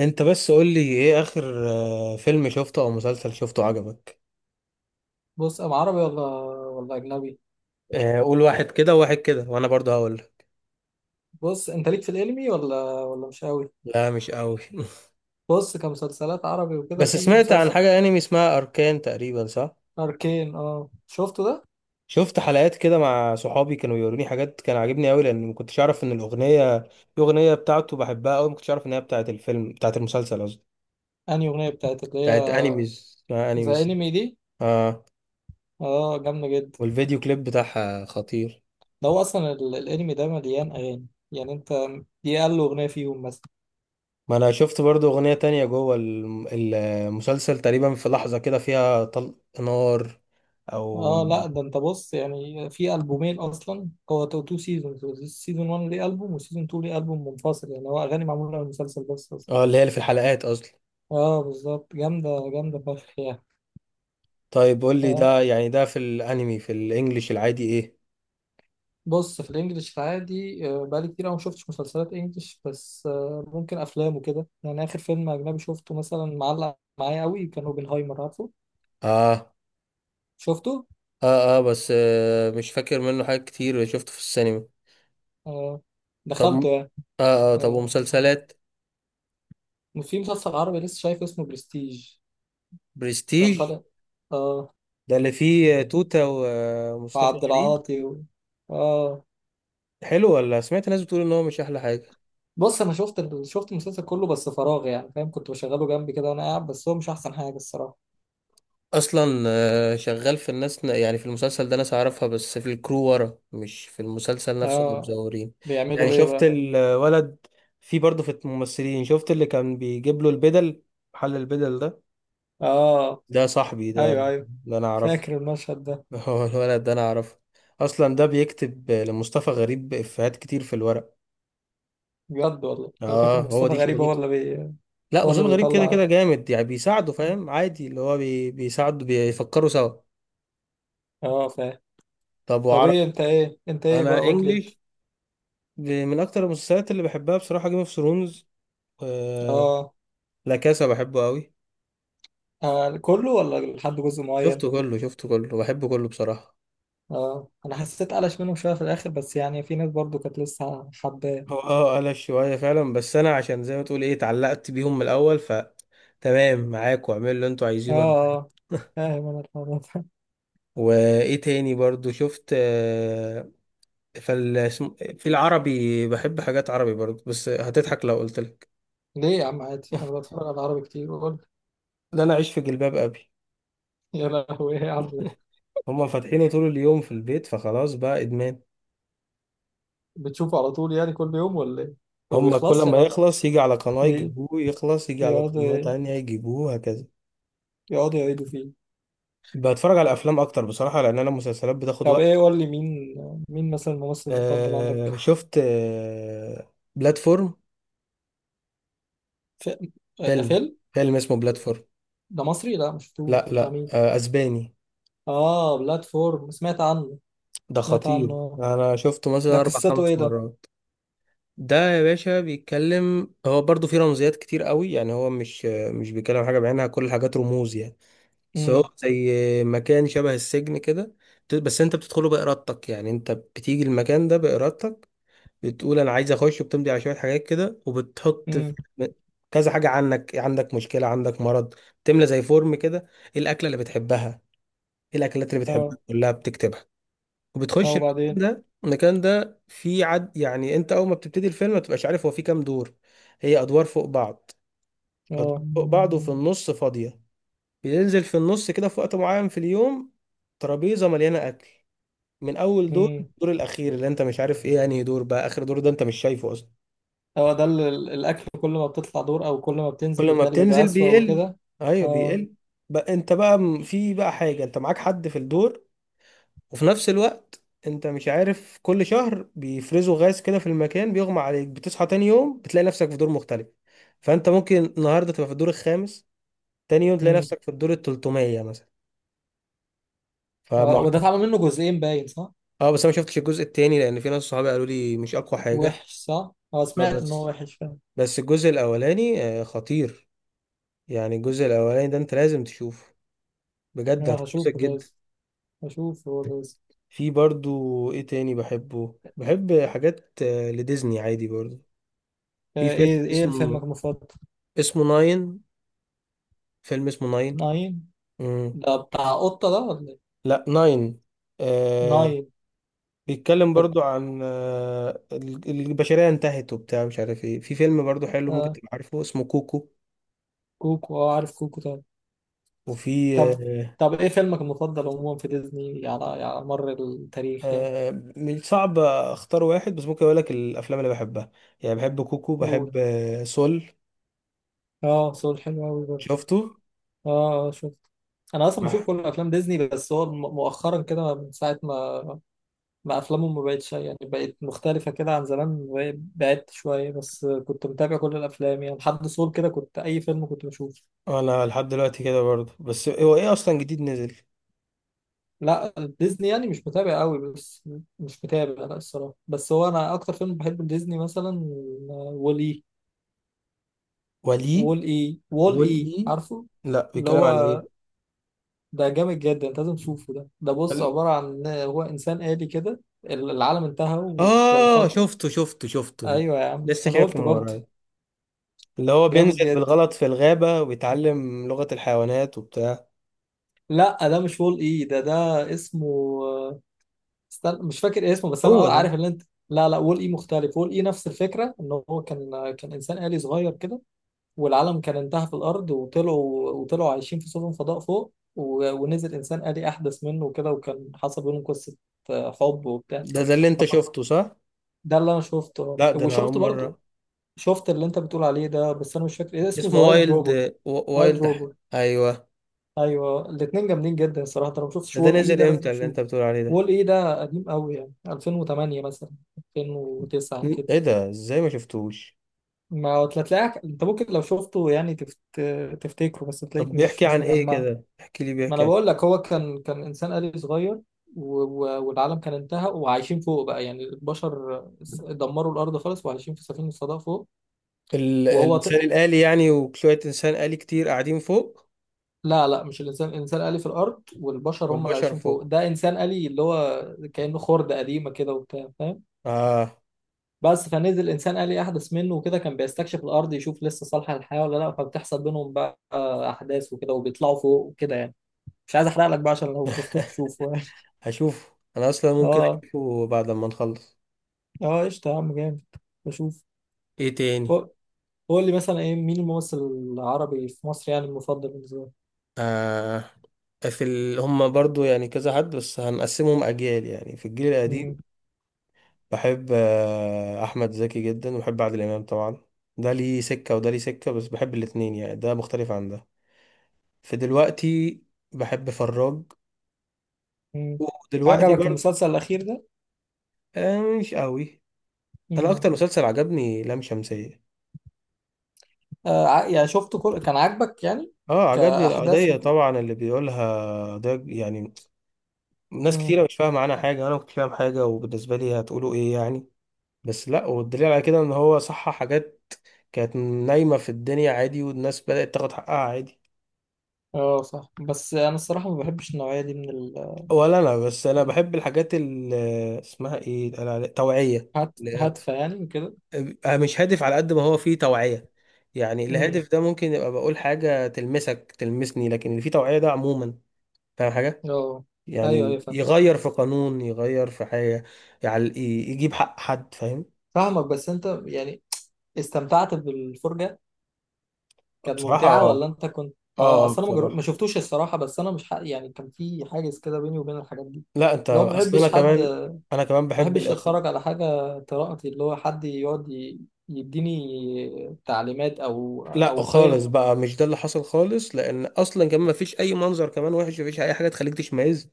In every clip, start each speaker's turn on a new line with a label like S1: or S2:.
S1: انت بس قول لي ايه اخر فيلم شفته او مسلسل شفته عجبك.
S2: بص أم عربي ولا أجنبي.
S1: قول واحد كده وواحد كده وانا برضه هقول.
S2: بص أنت ليك في الأنمي ولا مش قوي.
S1: لا مش قوي.
S2: بص كمسلسلات عربي وكده،
S1: بس
S2: في
S1: سمعت عن
S2: مسلسل
S1: حاجة انمي اسمها اركان تقريبا صح؟
S2: أركين، أه شفته ده.
S1: شفت حلقات كده مع صحابي كانوا بيوروني حاجات، كان عاجبني قوي لان ما كنتش اعرف ان الاغنية بتاعته بحبها قوي، ما كنتش اعرف ان هي بتاعت الفيلم، بتاعت المسلسل قصدي.
S2: أنهي أغنية بتاعت اللي هي
S1: بتاعت انيميز، اسمها
S2: ذا
S1: انيميز.
S2: أنمي دي؟
S1: اه،
S2: أه جامدة جدا.
S1: والفيديو كليب بتاعها خطير.
S2: ده هو أصلا الأنمي ده مليان أغاني، يعني أنت دي أقل أغنية فيهم مثلا.
S1: ما انا شفت برضو اغنية تانية جوه المسلسل، تقريبا في لحظة كده فيها طلق نار او.
S2: أه لا، ده أنت بص، يعني في ألبومين أصلا. هو تو سيزون، سيزون 1 ليه ألبوم وسيزون 2 ليه ألبوم منفصل، يعني هو أغاني معمولة للمسلسل بس أصلا.
S1: اه، اللي هي اللي في الحلقات اصلا.
S2: أه بالظبط، جامدة جامدة فشخ يعني.
S1: طيب قول لي
S2: آه،
S1: ده، يعني ده في الانمي في الانجليش العادي ايه؟
S2: بص، في الانجليش العادي بقالي كتير أوي ما شفتش مسلسلات انجليش، بس ممكن افلام وكده، يعني اخر فيلم اجنبي شفته مثلا معلق معايا قوي كان اوبنهايمر، عارفه.
S1: اه
S2: شفته.
S1: اه. اه بس مش فاكر منه حاجات كتير، شفته في السينما.
S2: آه،
S1: طب
S2: دخلته
S1: م-
S2: يعني.
S1: اه اه، طب
S2: آه،
S1: ومسلسلات.
S2: في مسلسل عربي لسه شايف اسمه برستيج، كان
S1: برستيج،
S2: طالع. اه.
S1: ده اللي فيه توتة
S2: مع
S1: ومصطفى
S2: عبد
S1: غريب.
S2: العاطي و... اه.
S1: حلو ولا سمعت ناس بتقول ان هو مش احلى حاجة؟
S2: بص انا شفت شفت المسلسل كله بس فراغ يعني فاهم، كنت بشغله جنبي كده وانا قاعد، بس هو مش احسن حاجة الصراحة.
S1: اصلا شغال في الناس، يعني في المسلسل ده ناس اعرفها بس في الكرو ورا، مش في المسلسل نفسه اللي
S2: اه.
S1: مزورين. يعني
S2: بيعملوا ايه
S1: شفت
S2: بقى؟
S1: الولد، في برضه في الممثلين شفت اللي كان بيجيب له البدل، محل البدل ده،
S2: اه.
S1: ده صاحبي ده،
S2: ايوه ايوه،
S1: ده انا اعرفه.
S2: فاكر المشهد ده.
S1: هو الولد ده انا اعرفه اصلا، ده بيكتب لمصطفى غريب افيهات كتير في الورق.
S2: بجد والله، انا فاكر
S1: اه هو
S2: مصطفى
S1: دي
S2: غريب هو
S1: شغلته.
S2: اللي
S1: لا
S2: هو اللي
S1: مصطفى غريب كده
S2: بيطلع.
S1: كده جامد، يعني بيساعده، فاهم؟ عادي اللي هو بيساعده، بيفكروا سوا.
S2: اه، فاهم.
S1: طب
S2: طب
S1: وعرب؟
S2: ايه انت ايه بقى،
S1: انا
S2: قول لي انت.
S1: انجليش. من اكتر المسلسلات اللي بحبها بصراحه جيم اوف ثرونز.
S2: اه.
S1: لا كاسا بحبه قوي.
S2: آه، كله ولا لحد جزء معين؟
S1: شفته كله، شفته كله، بحبه كله بصراحه.
S2: اه انا حسيت قلش منهم شويه في الاخر، بس يعني في ناس برضو كانت لسه حباه.
S1: هو اه قلش شويه فعلا، بس انا عشان زي ما تقول ايه، اتعلقت بيهم من الاول، ف تمام معاك واعملوا اللي انتوا
S2: اه،
S1: عايزينه. أنا
S2: آه، فاهم انا الحوار ده.
S1: وايه تاني برضو شفت في العربي بحب حاجات عربي برضو، بس هتضحك لو قلت لك.
S2: ليه يا عم؟ عادي، انا بتفرج على عربي كتير، بقول.
S1: ده انا عايش في جلباب ابي.
S2: يا لهوي، ايه يا عم ده؟
S1: هما فاتحينه طول اليوم في البيت، فخلاص بقى ادمان.
S2: بتشوفه على طول يعني، كل يوم ولا ايه؟ ما
S1: هما كل
S2: بيخلصش
S1: ما
S2: يا عم.
S1: يخلص يجي على قناة
S2: بي-
S1: يجيبوه، يخلص يجي على قناة
S2: بيقعدوا
S1: تانية يجيبوه، هكذا.
S2: يقعدوا يعيدوا فيه.
S1: بتفرج على أفلام أكتر بصراحة لأن أنا المسلسلات بتاخد
S2: طب
S1: وقت.
S2: ايه قول لي مين مثلا الممثل المفضل
S1: آه
S2: عندك؟
S1: شفت بلاتفورم.
S2: ف... ده
S1: فيلم،
S2: فيلم.
S1: فيلم اسمه بلاتفورم.
S2: ده مصري؟ لا، مش شفتوش.
S1: لا
S2: ده بتاع
S1: لا،
S2: مين؟
S1: آه أسباني.
S2: اه بلاتفورم، سمعت عنه.
S1: ده
S2: سمعت عنه،
S1: خطير،
S2: آه.
S1: أنا شفته
S2: ده
S1: مثلا أربع
S2: قصته ايه
S1: خمس
S2: ده؟
S1: مرات. ده يا باشا بيتكلم، هو برضو فيه رمزيات كتير قوي، يعني هو مش بيتكلم عن حاجة بعينها، كل الحاجات رموز يعني. بس هو
S2: امم.
S1: زي مكان شبه السجن كده. بس انت بتدخله بإرادتك، يعني انت بتيجي المكان ده بإرادتك، بتقول انا عايز اخش، وبتمضي على شوية حاجات كده، وبتحط في
S2: امم.
S1: كذا حاجة عنك، عندك مشكلة، عندك مرض، تملى زي فورم كده، ايه الأكلة اللي بتحبها، ايه الأكلات اللي بتحبها،
S2: اه
S1: كلها بتكتبها.
S2: اه،
S1: وبتخش المكان
S2: وبعدين؟
S1: ده، المكان ده فيه عد، يعني انت اول ما بتبتدي الفيلم ما بتبقاش عارف هو فيه كام دور. هي ادوار فوق بعض، ادوار
S2: اه.
S1: فوق بعض وفي النص فاضية. بينزل في النص كده في وقت معين في اليوم ترابيزة مليانة أكل، من أول دور
S2: امم.
S1: الدور الأخير اللي أنت مش عارف إيه، يعني دور بقى آخر دور ده أنت مش شايفه أصلا.
S2: هو ده الاكل كل ما بتطلع دور او كل ما بتنزل
S1: كل ما
S2: بتهيألي بيبقى
S1: بتنزل
S2: اسوأ
S1: بيقل،
S2: وكده؟
S1: أيوه
S2: اه.
S1: بيقل. بقى أنت بقى في بقى حاجة، أنت معاك حد في الدور، وفي نفس الوقت أنت مش عارف، كل شهر بيفرزوا غاز كده في المكان، بيغمى عليك، بتصحى تاني يوم بتلاقي نفسك في دور مختلف. فأنت ممكن النهاردة تبقى في الدور الخامس، تاني يوم تلاقي
S2: امم.
S1: نفسك في الدور التلتمية مثلا.
S2: اه،
S1: فمعاناة.
S2: وده اتعمل منه جزئين باين، صح؟
S1: اه بس انا ما شفتش الجزء التاني لان في ناس صحابي قالوا لي مش اقوى حاجه.
S2: وحش صح، اه،
S1: اه
S2: سمعت ان هو
S1: بس،
S2: وحش فعلا.
S1: بس الجزء الاولاني خطير، يعني الجزء الاولاني ده انت لازم تشوفه، بجد
S2: اه،
S1: هتتبسط
S2: هشوفه
S1: جدا.
S2: لازم، هشوفه لازم.
S1: في برضو ايه تاني بحبه، بحب حاجات لديزني عادي برضو. في
S2: آه،
S1: فيلم
S2: ايه فيلمك
S1: اسمه،
S2: المفضل؟
S1: ناين. فيلم اسمه ناين.
S2: ناين.
S1: مم.
S2: ده بتاع قطة ده ولا ايه؟
S1: لا ناين. آه
S2: ناين.
S1: بيتكلم برضو عن آه البشرية انتهت وبتاع مش عارف ايه. في فيلم برضو حلو ممكن
S2: آه
S1: تبقى عارفه اسمه كوكو.
S2: كوكو، اه، عارف كوكو طبعا.
S1: وفي
S2: طب، طب ايه فيلمك المفضل عموما في ديزني، على مر التاريخ يعني؟
S1: آه، من صعب اختار واحد، بس ممكن اقول لك الافلام اللي بحبها. يعني بحب كوكو،
S2: قول.
S1: بحب سول.
S2: اه، سول حلو قوي برضه.
S1: شفته.
S2: اه اه، شفت. انا اصلا بشوف
S1: بح-
S2: كل افلام ديزني، بس هو مؤخرا كده من ساعه ما افلامهم ما بقتش يعني، بقت مختلفه كده عن زمان. بعدت شويه، بس كنت متابع كل الافلام يعني، لحد سول كده كنت اي فيلم كنت بشوفه.
S1: انا لحد دلوقتي كده برضه، بس هو ايه اصلا جديد نزل؟
S2: لا ديزني يعني مش متابع قوي بس. مش متابع لا الصراحه، بس هو انا اكتر فيلم بحبه ديزني مثلا وولي.
S1: ولي.
S2: وول اي، وول
S1: قول
S2: اي،
S1: ايه؟
S2: عارفه؟
S1: لا
S2: اللي
S1: بيتكلم
S2: هو
S1: عن ايه؟
S2: ده جامد جدا، انت لازم تشوفه ده. ده بص،
S1: قال-
S2: عبارة عن هو انسان آلي كده، العالم انتهى وكان
S1: اه
S2: فاضي.
S1: شفته شفته شفته شفته.
S2: ايوه يا عم
S1: لسه
S2: انا
S1: شايفه
S2: قلت
S1: من
S2: برضه.
S1: ورايا، اللي هو
S2: جامد
S1: بينزل
S2: جدا.
S1: بالغلط في الغابة، وبيتعلم لغة الحيوانات وبتاع.
S2: لا ده مش وول اي، ده اسمه، استنى مش فاكر اسمه، بس انا
S1: هو ده،
S2: عارف اللي انت. لا لا، وول اي مختلف. وول اي نفس الفكرة ان هو كان انسان آلي صغير كده، والعالم كان انتهى في الارض، وطلعوا عايشين في سفن فضاء فوق، ونزل انسان آلي احدث منه كده، وكان حصل بينهم قصه آه، حب وبتاع.
S1: ده اللي انت شفته صح؟
S2: ده اللي انا شفته،
S1: لا ده انا اول
S2: وشفت برضو،
S1: مرة.
S2: شفت اللي انت بتقول عليه ده، بس انا مش فاكر ايه اسمه، ذا
S1: اسمه
S2: وايلد روبوت.
S1: وايلد
S2: وايلد
S1: وايلد ح-
S2: روبوت.
S1: ايوه.
S2: ايوه، الاثنين جامدين جدا الصراحه، انت لو ما شفتش
S1: ده ده
S2: وول اي
S1: نزل
S2: ده لازم
S1: امتى اللي انت
S2: تشوف.
S1: بتقول عليه ده؟
S2: وول اي ده قديم قوي يعني، 2008 مثلا، 2009 كده.
S1: ايه ده؟ ازاي ما شفتوش؟
S2: ما هو تلاقيك انت ممكن لو شفته يعني تفتكره، بس
S1: طب
S2: تلاقيك
S1: بيحكي
S2: مش
S1: عن ايه
S2: مجمعه.
S1: كده، احكي لي،
S2: ما
S1: بيحكي
S2: انا
S1: عن
S2: بقول لك، هو كان انسان آلي صغير، والعالم كان انتهى وعايشين فوق بقى، يعني البشر دمروا الارض خالص، وعايشين في سفينه صدى فوق.
S1: ال...
S2: وهو ت...
S1: الانسان الآلي يعني، وشوية انسان آلي كتير قاعدين فوق
S2: لا لا، مش الانسان آلي في الارض، والبشر هم اللي
S1: والبشر
S2: عايشين فوق.
S1: فوق.
S2: ده انسان آلي اللي هو كانه خرده قديمه كده وبتاع، فاهم.
S1: اه.
S2: بس فنزل انسان آلي احدث منه وكده، كان بيستكشف الارض، يشوف لسه صالحه للحياه ولا لا، فبتحصل بينهم بقى احداث وكده، وبيطلعوا فوق وكده يعني. مش عايز احرق لك بقى، عشان لو ما شفتوش تشوفه يعني.
S1: هشوف، انا اصلا ممكن
S2: اه
S1: اشوفه بعد ما نخلص.
S2: اه قشطه يا عم، جامد. بشوف.
S1: ايه تاني؟
S2: قول لي مثلا ايه، مين الممثل العربي في مصر يعني المفضل بالنسبه لك؟
S1: آه في هم برضو يعني كذا حد، بس هنقسمهم اجيال. يعني في الجيل القديم
S2: مم.
S1: بحب آه احمد زكي جدا، وبحب عادل امام طبعا. ده ليه سكة وده ليه سكة، بس بحب الاتنين يعني، ده مختلف عن ده. فدلوقتي بحب فراج.
S2: مم.
S1: ودلوقتي
S2: عجبك
S1: برضه
S2: المسلسل الاخير ده؟
S1: آه مش قوي. انا
S2: مم.
S1: اكتر مسلسل عجبني لام شمسية.
S2: آه، يعني شفته كل، كان عاجبك يعني؟
S1: اه عجبني
S2: كاحداث
S1: القضية
S2: وكده.
S1: طبعا اللي بيقولها ده يعني، ناس
S2: مم.
S1: كتيرة مش فاهمة عنها حاجة، انا ما كنتش فاهم حاجة، وبالنسبة لي هتقولوا ايه يعني، بس لا، والدليل على كده ان هو صح. حاجات كانت نايمة في الدنيا عادي والناس بدأت تاخد حقها عادي.
S2: اه صح، بس انا الصراحه ما بحبش النوعيه دي من ال،
S1: ولا انا، بس انا
S2: من.
S1: بحب الحاجات اللي اسمها ايه، التوعية.
S2: هات، هاتفه يعني وكده.
S1: أبقى مش هادف على قد ما هو فيه توعية. يعني
S2: مم.
S1: الهادف ده ممكن يبقى بقول حاجة تلمسك تلمسني، لكن اللي فيه توعية ده عموما فاهم حاجة،
S2: اه ايوه ايوه،
S1: يعني
S2: فاهم.
S1: يغير في قانون، يغير في حاجة، يعني يجيب حق حد، فاهم؟
S2: فاهمك، بس انت يعني استمتعت بالفرجه، كانت
S1: بصراحة
S2: ممتعة
S1: اه،
S2: ولا انت كنت، اه
S1: اه
S2: اصل انا
S1: بصراحة
S2: ما شفتوش الصراحة، بس انا مش يعني كان في حاجز كده بيني وبين الحاجات دي.
S1: لا، انت
S2: لو ما
S1: اصل انا
S2: بحبش حد
S1: كمان،
S2: ما
S1: انا كمان بحب
S2: بحبش
S1: الاخر.
S2: اتفرج على حاجة. قراءتي اللي هو حد يقعد يديني تعليمات، او
S1: لا
S2: او
S1: خالص
S2: قيم.
S1: بقى، مش ده اللي حصل خالص، لان اصلا كمان مفيش اي منظر كمان وحش، مفيش اي حاجة تخليك تشمئز،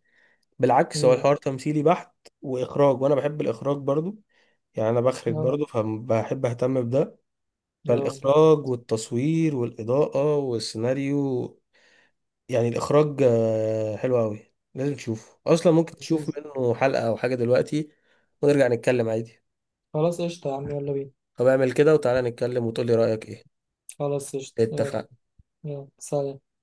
S1: بالعكس هو
S2: امم.
S1: الحوار تمثيلي بحت. واخراج، وانا بحب الاخراج برضو، يعني انا بخرج
S2: اه
S1: برضو، فبحب اهتم بده.
S2: اه
S1: فالاخراج
S2: جامد.
S1: والتصوير والاضاءه والسيناريو، يعني الاخراج حلو قوي، لازم تشوفه اصلا. ممكن تشوف
S2: نشوف.
S1: منه حلقه او حاجه دلوقتي ونرجع نتكلم عادي.
S2: خلاص قشطة يا عم، يلا بينا.
S1: طب اعمل كده وتعالى نتكلم وتقولي رايك ايه.
S2: خلاص قشطة، يلا.
S1: اتفقنا.
S2: يلا سلام.